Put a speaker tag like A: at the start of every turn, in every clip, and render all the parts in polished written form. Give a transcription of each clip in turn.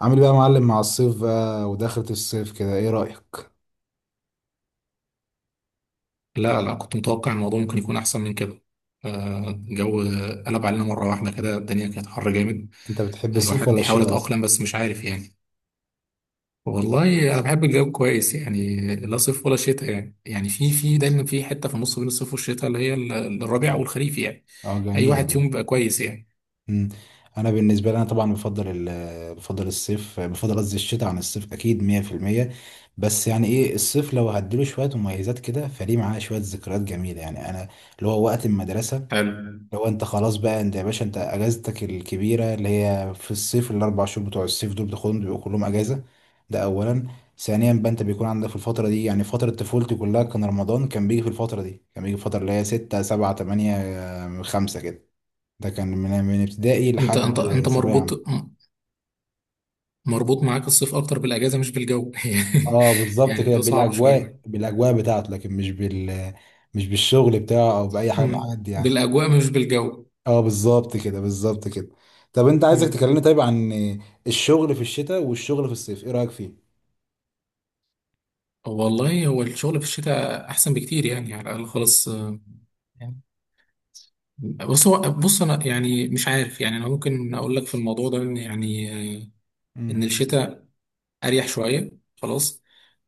A: عامل ايه بقى يا معلم مع الصيف بقى ودخلة الصيف كده، ايه رأيك؟
B: لا لا، كنت متوقع إن الموضوع ممكن يكون أحسن من كده. الجو قلب علينا مرة واحدة كده، الدنيا كانت حر جامد.
A: انت بتحب الصيف
B: الواحد
A: ولا
B: بيحاول
A: الشتاء اصلا؟
B: يتأقلم، بس مش عارف يعني. والله أنا بحب الجو كويس يعني، لا صيف ولا شتاء، يعني في دايما في حتة في النص بين الصيف والشتاء اللي هي الربيع والخريف يعني.
A: اه،
B: أي
A: جميلة
B: واحد فيهم
A: دي.
B: بيبقى كويس يعني.
A: مم. انا بالنسبة لي، انا طبعا بفضل ال بفضل الصيف، قصدي الشتاء عن الصيف اكيد 100%. بس يعني ايه، الصيف لو هديله شوية مميزات كده، فليه معاه شوية ذكريات جميلة، يعني انا اللي هو وقت المدرسة.
B: حلو.
A: لو انت خلاص بقى، انت يا باشا انت اجازتك الكبيره اللي هي في الصيف، الاربع شهور بتوع الصيف دول بتاخدهم بيبقوا كلهم اجازه. ده اولا. ثانيا بقى، انت بيكون عندك في الفتره دي، يعني فتره طفولتي كلها كان رمضان كان بيجي في الفتره دي، كان بيجي في الفتره اللي هي 6 7 8 5 كده. ده كان من ابتدائي لحد
B: أنت
A: ثانويه عامه.
B: مربوط معاك الصيف أكتر بالأجازة مش بالجو.
A: اه بالظبط
B: يعني
A: كده،
B: ده صعب شوية.
A: بالاجواء بالاجواء بتاعته، لكن مش بالشغل بتاعه او باي حاجه من الحاجات دي يعني.
B: بالأجواء مش بالجو.
A: اه بالظبط كده بالظبط كده. طب انت عايزك
B: أمم.
A: تكلمني طيب عن الشغل في الشتاء والشغل في الصيف، ايه رأيك فيه؟
B: والله هو الشغل في الشتاء احسن بكتير يعني، على الاقل خالص. يعني بص. هو بص انا يعني مش عارف يعني، انا ممكن اقول لك في الموضوع ده ان يعني، ان
A: امم.
B: الشتاء اريح شويه، خلاص.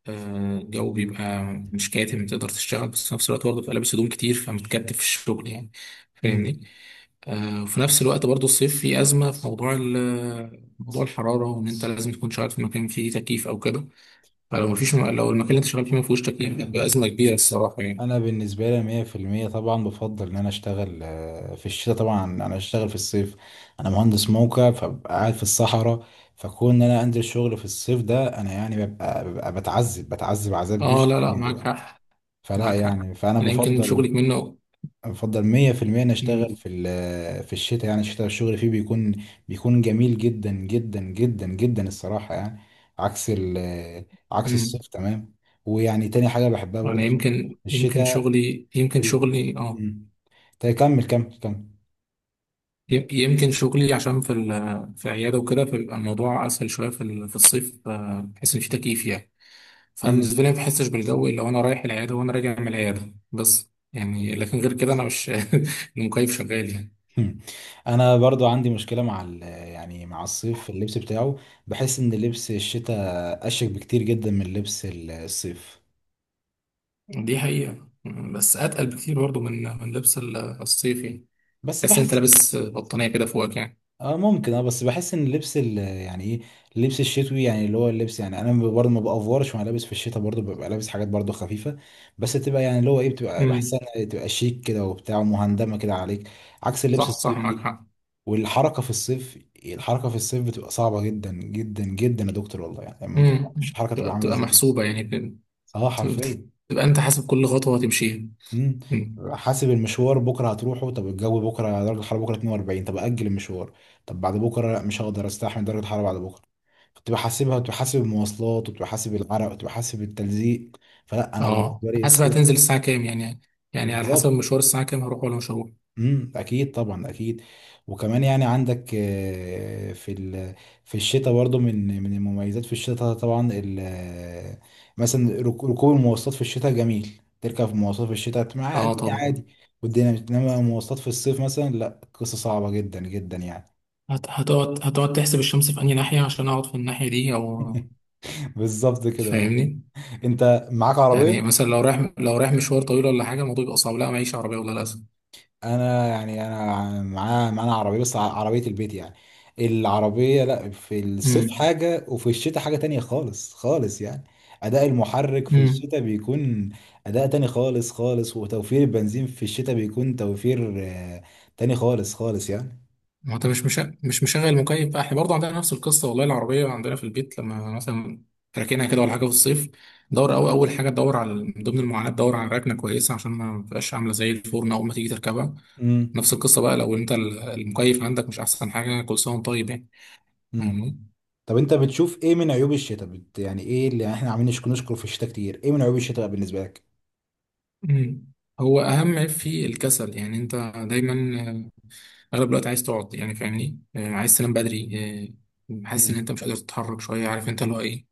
B: الجو بيبقى مش كاتم، تقدر تشتغل، بس في نفس الوقت برضه بتبقى لابس هدوم كتير فمتكتف في الشغل يعني.
A: امم.
B: فاهمني؟ وفي نفس الوقت برضه الصيف فيه ازمه في موضوع موضوع الحراره، وان انت لازم تكون شغال في مكان فيه تكييف او كده. فلو مفيش، لو المكان اللي انت شغال فيه ما فيهوش تكييف، بتبقى ازمه كبيره الصراحه يعني.
A: انا بالنسبه لي 100% طبعا بفضل ان انا اشتغل في الشتاء، طبعا انا اشتغل في الصيف، انا مهندس موقع فببقى قاعد في الصحراء. فكون ان انا انزل شغل في الصيف ده، انا يعني ببقى بتعذب عذاب
B: اه
A: مش
B: لا لا،
A: طبيعي
B: معاك
A: يعني.
B: حق.
A: فلا
B: معاك حق.
A: يعني، فانا
B: انا يمكن
A: بفضل
B: شغلك منه.
A: افضل 100% انا اشتغل
B: امم.
A: في الشتاء. يعني الشتاء الشغل فيه بيكون بيكون جميل جدا جدا جدا جدا الصراحه يعني. عكس ال- عكس
B: امم.
A: الصيف تمام. ويعني تاني حاجه بحبها
B: انا
A: برضه في
B: يمكن
A: الشتاء
B: شغلي
A: ال...
B: اه.
A: مم. طيب كمل كمل كمل.
B: يمكن شغلي عشان في في عياده وكده، فبيبقى الموضوع اسهل شويه في في الصيف، بحيث ان في تكييف يعني. فبالنسبه
A: مم.
B: لي ما بحسش بالجو الا وانا رايح العياده وانا راجع من العياده بس يعني، لكن غير كده انا مش المكيف شغال يعني.
A: مم. انا برضو عندي مشكله مع يعني مع الصيف في اللبس بتاعه. بحس ان لبس الشتاء اشيك بكتير جدا من لبس الصيف.
B: دي حقيقه. بس اتقل بكتير برضو من لبس الصيف يعني.
A: بس
B: بس انت
A: بحس
B: لابس بطانيه كده فوقك يعني.
A: اه ممكن، اه بس بحس ان اللبس يعني ايه، اللبس الشتوي، يعني اللي هو اللبس، يعني انا برضه ما بافورش وانا لابس في الشتاء، برضه ببقى لابس حاجات برضه خفيفه، بس تبقى يعني اللي هو ايه، بتبقى بحسها
B: امم.
A: انها تبقى شيك كده وبتاع ومهندمه كده عليك، عكس اللبس
B: صح صح، معاك
A: الصيفي.
B: حق.
A: والحركه في الصيف، الحركه في الصيف بتبقى صعبه جدا جدا جدا يا دكتور والله، يعني لما انت،
B: امم.
A: مش الحركه تبقى عامله
B: بتبقى
A: ازاي،
B: محسوبة يعني
A: اه
B: بت-
A: حرفيا.
B: بتبقى انت حاسب كل خطوة هتمشيها.
A: مم.
B: امم.
A: حاسب المشوار بكره هتروحه، طب الجو بكره درجه الحراره بكره 42، طب اجل المشوار. طب بعد بكره لا مش هقدر استحمل درجه الحراره بعد بكره. كنت بحاسبها وكنت بحاسب المواصلات وكنت بحاسب العرق وكنت بحاسب التلزيق. فلا، انا
B: اه
A: بالنسبه لي
B: حاسب،
A: الصيف،
B: هتنزل الساعة كام يعني، يعني على حسب
A: بالظبط.
B: مشوار الساعة كام هروح ولا مش هروح.
A: اكيد طبعا اكيد. وكمان يعني عندك في الشتاء برضو من المميزات في الشتاء طبعا، مثلا ركوب المواصلات في الشتاء جميل، تركب في مواصلات في الشتاء مع
B: اه
A: الدنيا
B: طبعا.
A: عادي. والدنيا بتنما مواصلات في الصيف مثلا لا، قصة صعبة جدا جدا يعني.
B: هتقعد تحسب الشمس في أنهي ناحية عشان اقعد في الناحية دي او.
A: بالظبط كده أه.
B: فاهمني؟
A: انت معاك
B: يعني
A: عربية؟
B: مثلا لو رايح مشوار طويل ولا حاجة، الموضوع بيبقى صعب. لا معيش عربية والله للأسف.
A: انا يعني انا معانا عربيه بس عربيه البيت يعني. العربيه لا، في الصيف حاجه وفي الشتاء حاجه تانية خالص خالص يعني. اداء المحرك في
B: امم.
A: الشتاء بيكون اداء تاني خالص خالص، وتوفير البنزين في الشتاء بيكون توفير تاني خالص خالص يعني.
B: ما هو انت مش مشغل مكيف بقى، احنا برضه عندنا نفس القصه. والله العربيه عندنا في البيت لما مثلا راكنها كده ولا حاجه في الصيف، دور، أو اول حاجه تدور على، من ضمن المعاناه، تدور على ركنه كويسه عشان ما تبقاش عامله زي الفرن اول ما تيجي تركبها.
A: امم.
B: نفس القصه بقى، لو انت المكيف عندك مش احسن حاجه كل سنه وانت طيب يعني.
A: امم.
B: فاهمني؟
A: طب انت بتشوف ايه من عيوب الشتاء، يعني ايه اللي احنا عاملين نشكر في الشتاء كتير، ايه من عيوب الشتاء بالنسبه لك؟
B: مم. هو اهم عيب فيه الكسل، يعني انت دايما، آه، اغلب الوقت عايز تقعد يعني. فاهمني؟ عايز تنام بدري. حاسس ان
A: امم.
B: انت مش قادر تتحرك شويه، عارف انت اللي هو ايه،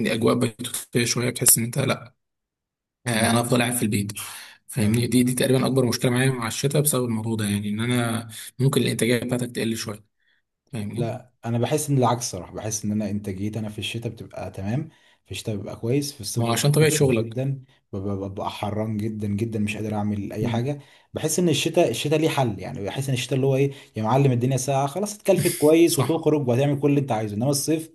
B: الاجواء بتتفق شويه، بتحس ان انت لا،
A: امم.
B: انا افضل قاعد في البيت.
A: أيوة.
B: فاهمني؟ دي تقريبا اكبر مشكله معايا مع الشتاء، بسبب الموضوع ده يعني، ان انا ممكن الانتاجيه بتاعتك تقل شويه. فاهمني؟
A: لا، انا بحس ان العكس صراحه، بحس ان انا انتاجيتي انا في الشتاء بتبقى تمام. في الشتاء ببقى كويس، في الصيف
B: ما هو
A: ببقى
B: عشان طبيعه
A: مكسل
B: شغلك.
A: جدا، ببقى حران جدا جدا مش قادر اعمل اي
B: مم.
A: حاجه. بحس ان الشتاء، الشتاء ليه حل يعني، بحس ان الشتاء اللي هو ايه، يا معلم الدنيا ساقعه خلاص، اتكلفت كويس
B: صح.
A: وتخرج وهتعمل كل اللي انت عايزه، انما الصيف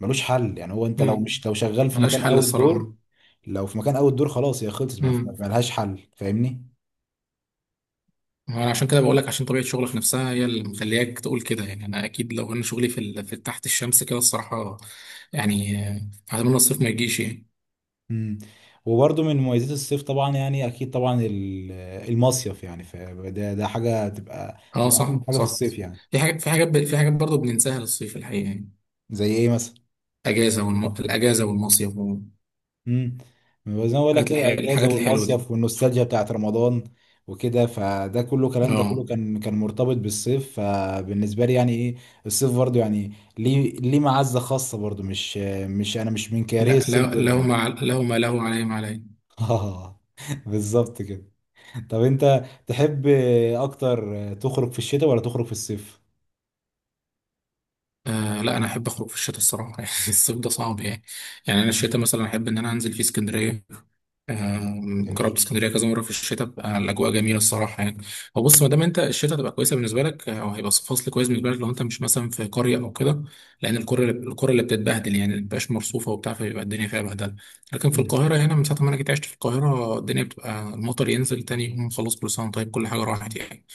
A: ملوش حل يعني. هو انت لو
B: مم.
A: مش لو شغال في
B: ملهاش
A: مكان
B: حل
A: اوت
B: الصراحه.
A: دور، لو في مكان اوت دور خلاص، هي خلصت،
B: امم.
A: ملهاش حل فاهمني.
B: انا عشان كده بقول لك، عشان طبيعه شغلك نفسها هي اللي مخلياك تقول كده يعني. انا اكيد لو انا شغلي في تحت الشمس كده الصراحه، يعني، اتمنى الصيف ما يجيش يعني.
A: مم. وبرضه من مميزات الصيف طبعا، يعني اكيد طبعا المصيف يعني، ده حاجه تبقى
B: اه
A: تبقى اهم
B: صح
A: حاجه في
B: صح.
A: الصيف يعني.
B: في حاجات برضه بننساها للصيف الحقيقه يعني.
A: زي ايه مثلا؟
B: الاجازه والمصيف.
A: امم. زي ما بقول لك كده، الاجازه
B: الحاجات الحلوة دي.
A: والمصيف والنوستالجيا بتاعت رمضان وكده، فده كله كلام ده كله
B: اه.
A: كان كان مرتبط بالصيف، فبالنسبه لي يعني ايه، الصيف برضه يعني ليه معزه خاصه برضه، مش انا مش من كاره
B: لا لا،
A: الصيف جدا.
B: لو ما له عليه ما عليه.
A: اه بالظبط كده. طب انت تحب اكتر تخرج في الشتاء ولا تخرج في الصيف؟
B: آه لا، انا احب اخرج في الشتاء الصراحه. يعني الصيف ده صعب يعني. يعني انا الشتاء مثلا احب ان انا انزل في اسكندريه. جربت
A: جميل.
B: اسكندريه كذا مره في الشتاء بقى، الاجواء جميله الصراحه يعني. هو بص، ما دام انت الشتاء تبقى كويسه بالنسبه لك، او هيبقى فصل كويس بالنسبه لك، لو انت مش مثلا في قريه او كده. لان القرى اللي بتتبهدل يعني، ما بتبقاش مرصوفه وبتاع، فبيبقى الدنيا فيها بهدله. لكن في
A: مم.
B: القاهره هنا من ساعه ما انا جيت عشت في القاهره، الدنيا بتبقى المطر ينزل تاني يوم خلاص كل سنه، طيب كل حاجه راحت يعني.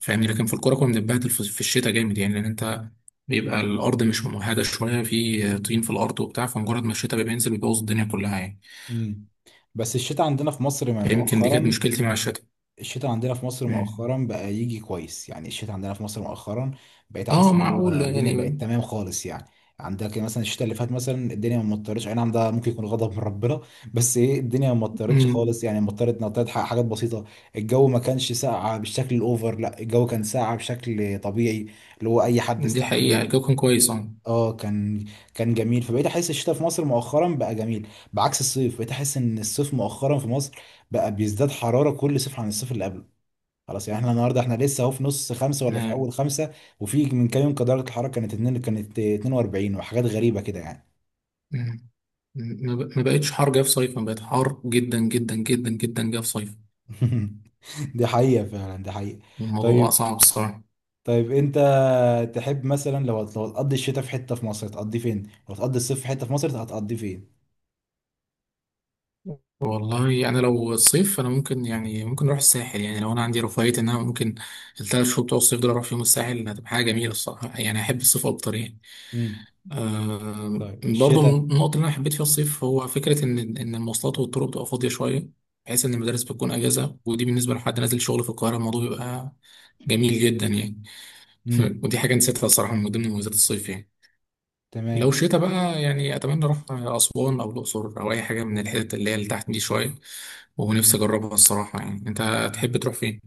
B: فاهمني؟ لكن في القرى كنا بنتبهدل في الشتاء جامد يعني، لان انت بيبقى الارض مش ممهده شويه، في طين في الارض وبتاع، فمجرد ما الشتاء بينزل بيبوظ الدنيا كلها يعني.
A: مم. بس الشتاء عندنا في مصر
B: فيمكن دي كانت
A: مؤخرا،
B: مشكلتي مع الشتاء.
A: الشتاء عندنا في مصر
B: مم.
A: مؤخرا بقى يجي كويس يعني. الشتاء عندنا في مصر مؤخرا بقيت
B: اه
A: احس ان هو
B: معقول
A: الدنيا
B: يعني.
A: بقت تمام خالص يعني. عندك مثلا الشتاء اللي فات مثلا، الدنيا ما مطرتش، اي نعم ده ممكن يكون غضب من ربنا، بس ايه، الدنيا ما مطرتش
B: مم.
A: خالص يعني، مطرت نطرت حاجات بسيطه. الجو ما كانش ساقع بالشكل الاوفر، لا الجو كان ساقع بشكل طبيعي، اللي هو اي حد
B: دي حقيقة،
A: يستحمله.
B: الجو كان كويس اه.
A: اه كان، كان جميل. فبقيت احس الشتاء في مصر مؤخرا بقى جميل، بعكس الصيف بقيت احس ان الصيف مؤخرا في مصر بقى بيزداد حرارة كل صيف عن الصيف اللي قبله. خلاص يعني، احنا النهارده احنا لسه اهو في نص خمسه ولا في اول
B: نعم.
A: خمسه، وفي من كام يوم كان درجه الحراره كانت كانت 42 وحاجات غريبه كده يعني.
B: مم. ما بقتش حر جه في صيف، ما بقت حر جدا جدا جدا جدا جه في صيف.
A: دي حقيقه فعلا، دي حقيقه.
B: الموضوع بقى
A: طيب.
B: صعب الصراحة.
A: طيب انت تحب مثلا لو لو هتقضي الشتاء في حته في مصر هتقضي فين؟ لو هتقضي الصيف في حته في مصر هتقضي فين؟
B: والله يعني لو الصيف، انا ممكن يعني ممكن اروح الساحل يعني، لو انا عندي رفاهية ان انا ممكن الـ3 شهور بتوع الصيف دول اروح فيهم الساحل، هتبقى حاجة جميلة الصراحة يعني. احب الصيف اكتر يعني.
A: امم.
B: آه
A: طيب
B: برضو
A: الشتاء.
B: النقطة اللي أنا حبيت فيها الصيف هو فكرة إن المواصلات والطرق بتبقى فاضية شوية، بحيث إن المدارس بتكون أجازة، ودي بالنسبة لحد نازل شغل في القاهرة الموضوع بيبقى جميل جدا يعني.
A: امم.
B: ودي حاجة نسيتها الصراحة من ضمن مميزات الصيف يعني. لو
A: تمام.
B: شتا بقى يعني، أتمنى أروح أسوان أو الأقصر أو أي حاجة من الحتت اللي هي اللي تحت دي شوية. ونفسي أجربها الصراحة يعني. أنت تحب تروح فين؟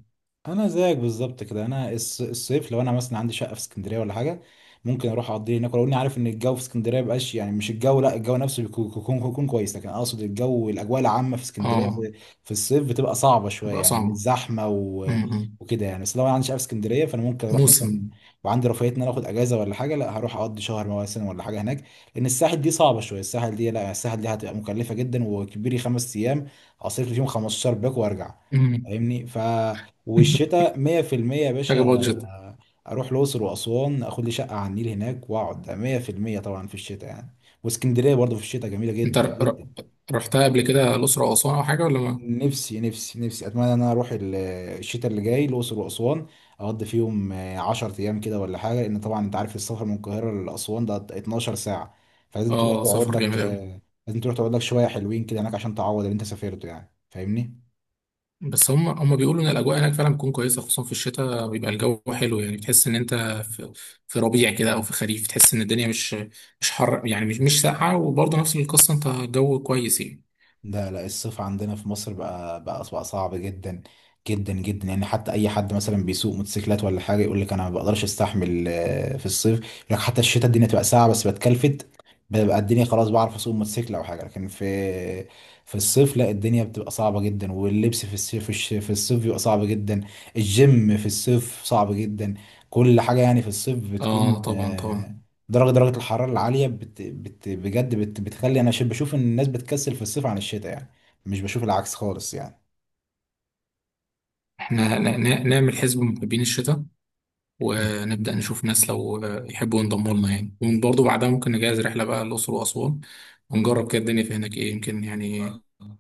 A: انا زيك بالظبط كده، انا الصيف لو انا مثلا عندي شقه في اسكندريه ولا حاجه، ممكن اروح اقضيه هناك، ولو اني عارف ان الجو في اسكندريه مبقاش، يعني مش الجو، لا الجو نفسه بيكون بيكون بيكون كويس، لكن اقصد الجو الاجواء العامه في اسكندريه
B: آه.
A: في, في الصيف بتبقى صعبه شويه
B: تبقى
A: يعني من
B: صعبة.
A: الزحمه و...
B: م.
A: وكده يعني. بس لو انا عندي شقه في اسكندريه، فانا ممكن اروح مثلا،
B: موسم.
A: وعندي رفاهيه ان انا اخد اجازه ولا حاجه، لا هروح اقضي شهر مثلا ولا حاجه هناك. لان الساحل دي صعبه شويه، الساحل دي لا، الساحل دي هتبقى مكلفه جدا، وكبيري خمس ايام اصرف لي فيهم 15 باك وارجع
B: م.
A: فاهمني. والشتاء 100% يا
B: حاجة
A: باشا،
B: بادجت.
A: اروح الاقصر واسوان اخد لي شقه على النيل هناك واقعد 100% طبعا في الشتاء يعني. واسكندريه برضه في الشتاء جميله
B: انت
A: جدا جدا.
B: رحتها قبل كده، الاقصر او اسوان او حاجه ولا ما؟
A: نفسي اتمنى ان انا اروح الشتاء اللي جاي الاقصر واسوان، اقضي فيهم 10 ايام كده ولا حاجه، لان طبعا انت عارف السفر من القاهره لاسوان ده 12 ساعه. فلازم تروح
B: اه
A: تقعد
B: سفر
A: لك
B: جامد قوي.
A: لازم تروح تقعد لك شويه حلوين كده هناك عشان تعوض اللي انت سافرته يعني فاهمني.
B: بس هم بيقولوا ان الاجواء هناك فعلا بتكون كويسه، خصوصا في الشتاء بيبقى الجو حلو يعني، بتحس ان انت في, في ربيع كده او في خريف، تحس ان الدنيا مش حر يعني، مش ساقعه، وبرضه نفس القصه انت الجو كويس يعني.
A: لا لا الصيف عندنا في مصر بقى بقى صعب جدا جدا جدا يعني. حتى اي حد مثلا بيسوق موتوسيكلات ولا حاجه يقول لك انا ما بقدرش استحمل في الصيف، يقول لك حتى الشتاء الدنيا تبقى ساقعه بس بتكلفت، ببقى الدنيا خلاص بعرف اسوق موتوسيكل او حاجه، لكن في في الصيف لا، الدنيا بتبقى صعبه جدا. واللبس في الصيف في الصيف بيبقى صعب جدا. الجيم في الصيف صعب جدا. كل حاجه يعني في الصيف بتكون
B: اه طبعا طبعا.
A: درجة الحرارة العالية بت بت بجد بتخلي أنا بشوف إن الناس بتكسل في الصيف عن الشتاء يعني، مش بشوف العكس خالص يعني.
B: احنا نعمل حزب محبين الشتاء، ونبدا نشوف ناس لو يحبوا ينضموا لنا يعني. وبرضه بعدها ممكن نجهز رحله بقى الاقصر واسوان، ونجرب كده الدنيا في هناك ايه يمكن يعني.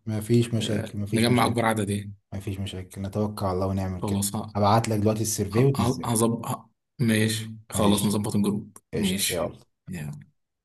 A: مفيش مشاكل مفيش
B: نجمع
A: مشاكل.
B: أكبر عدد إيه.
A: مفيش مشاكل نتوكل على الله ونعمل كده.
B: خلاص.
A: هبعت لك دلوقتي السيرفي وتنزله.
B: هظبط. ماشي. خلاص
A: ماشي.
B: نظبط الجروب.
A: قشطة
B: ماشي.
A: يلا.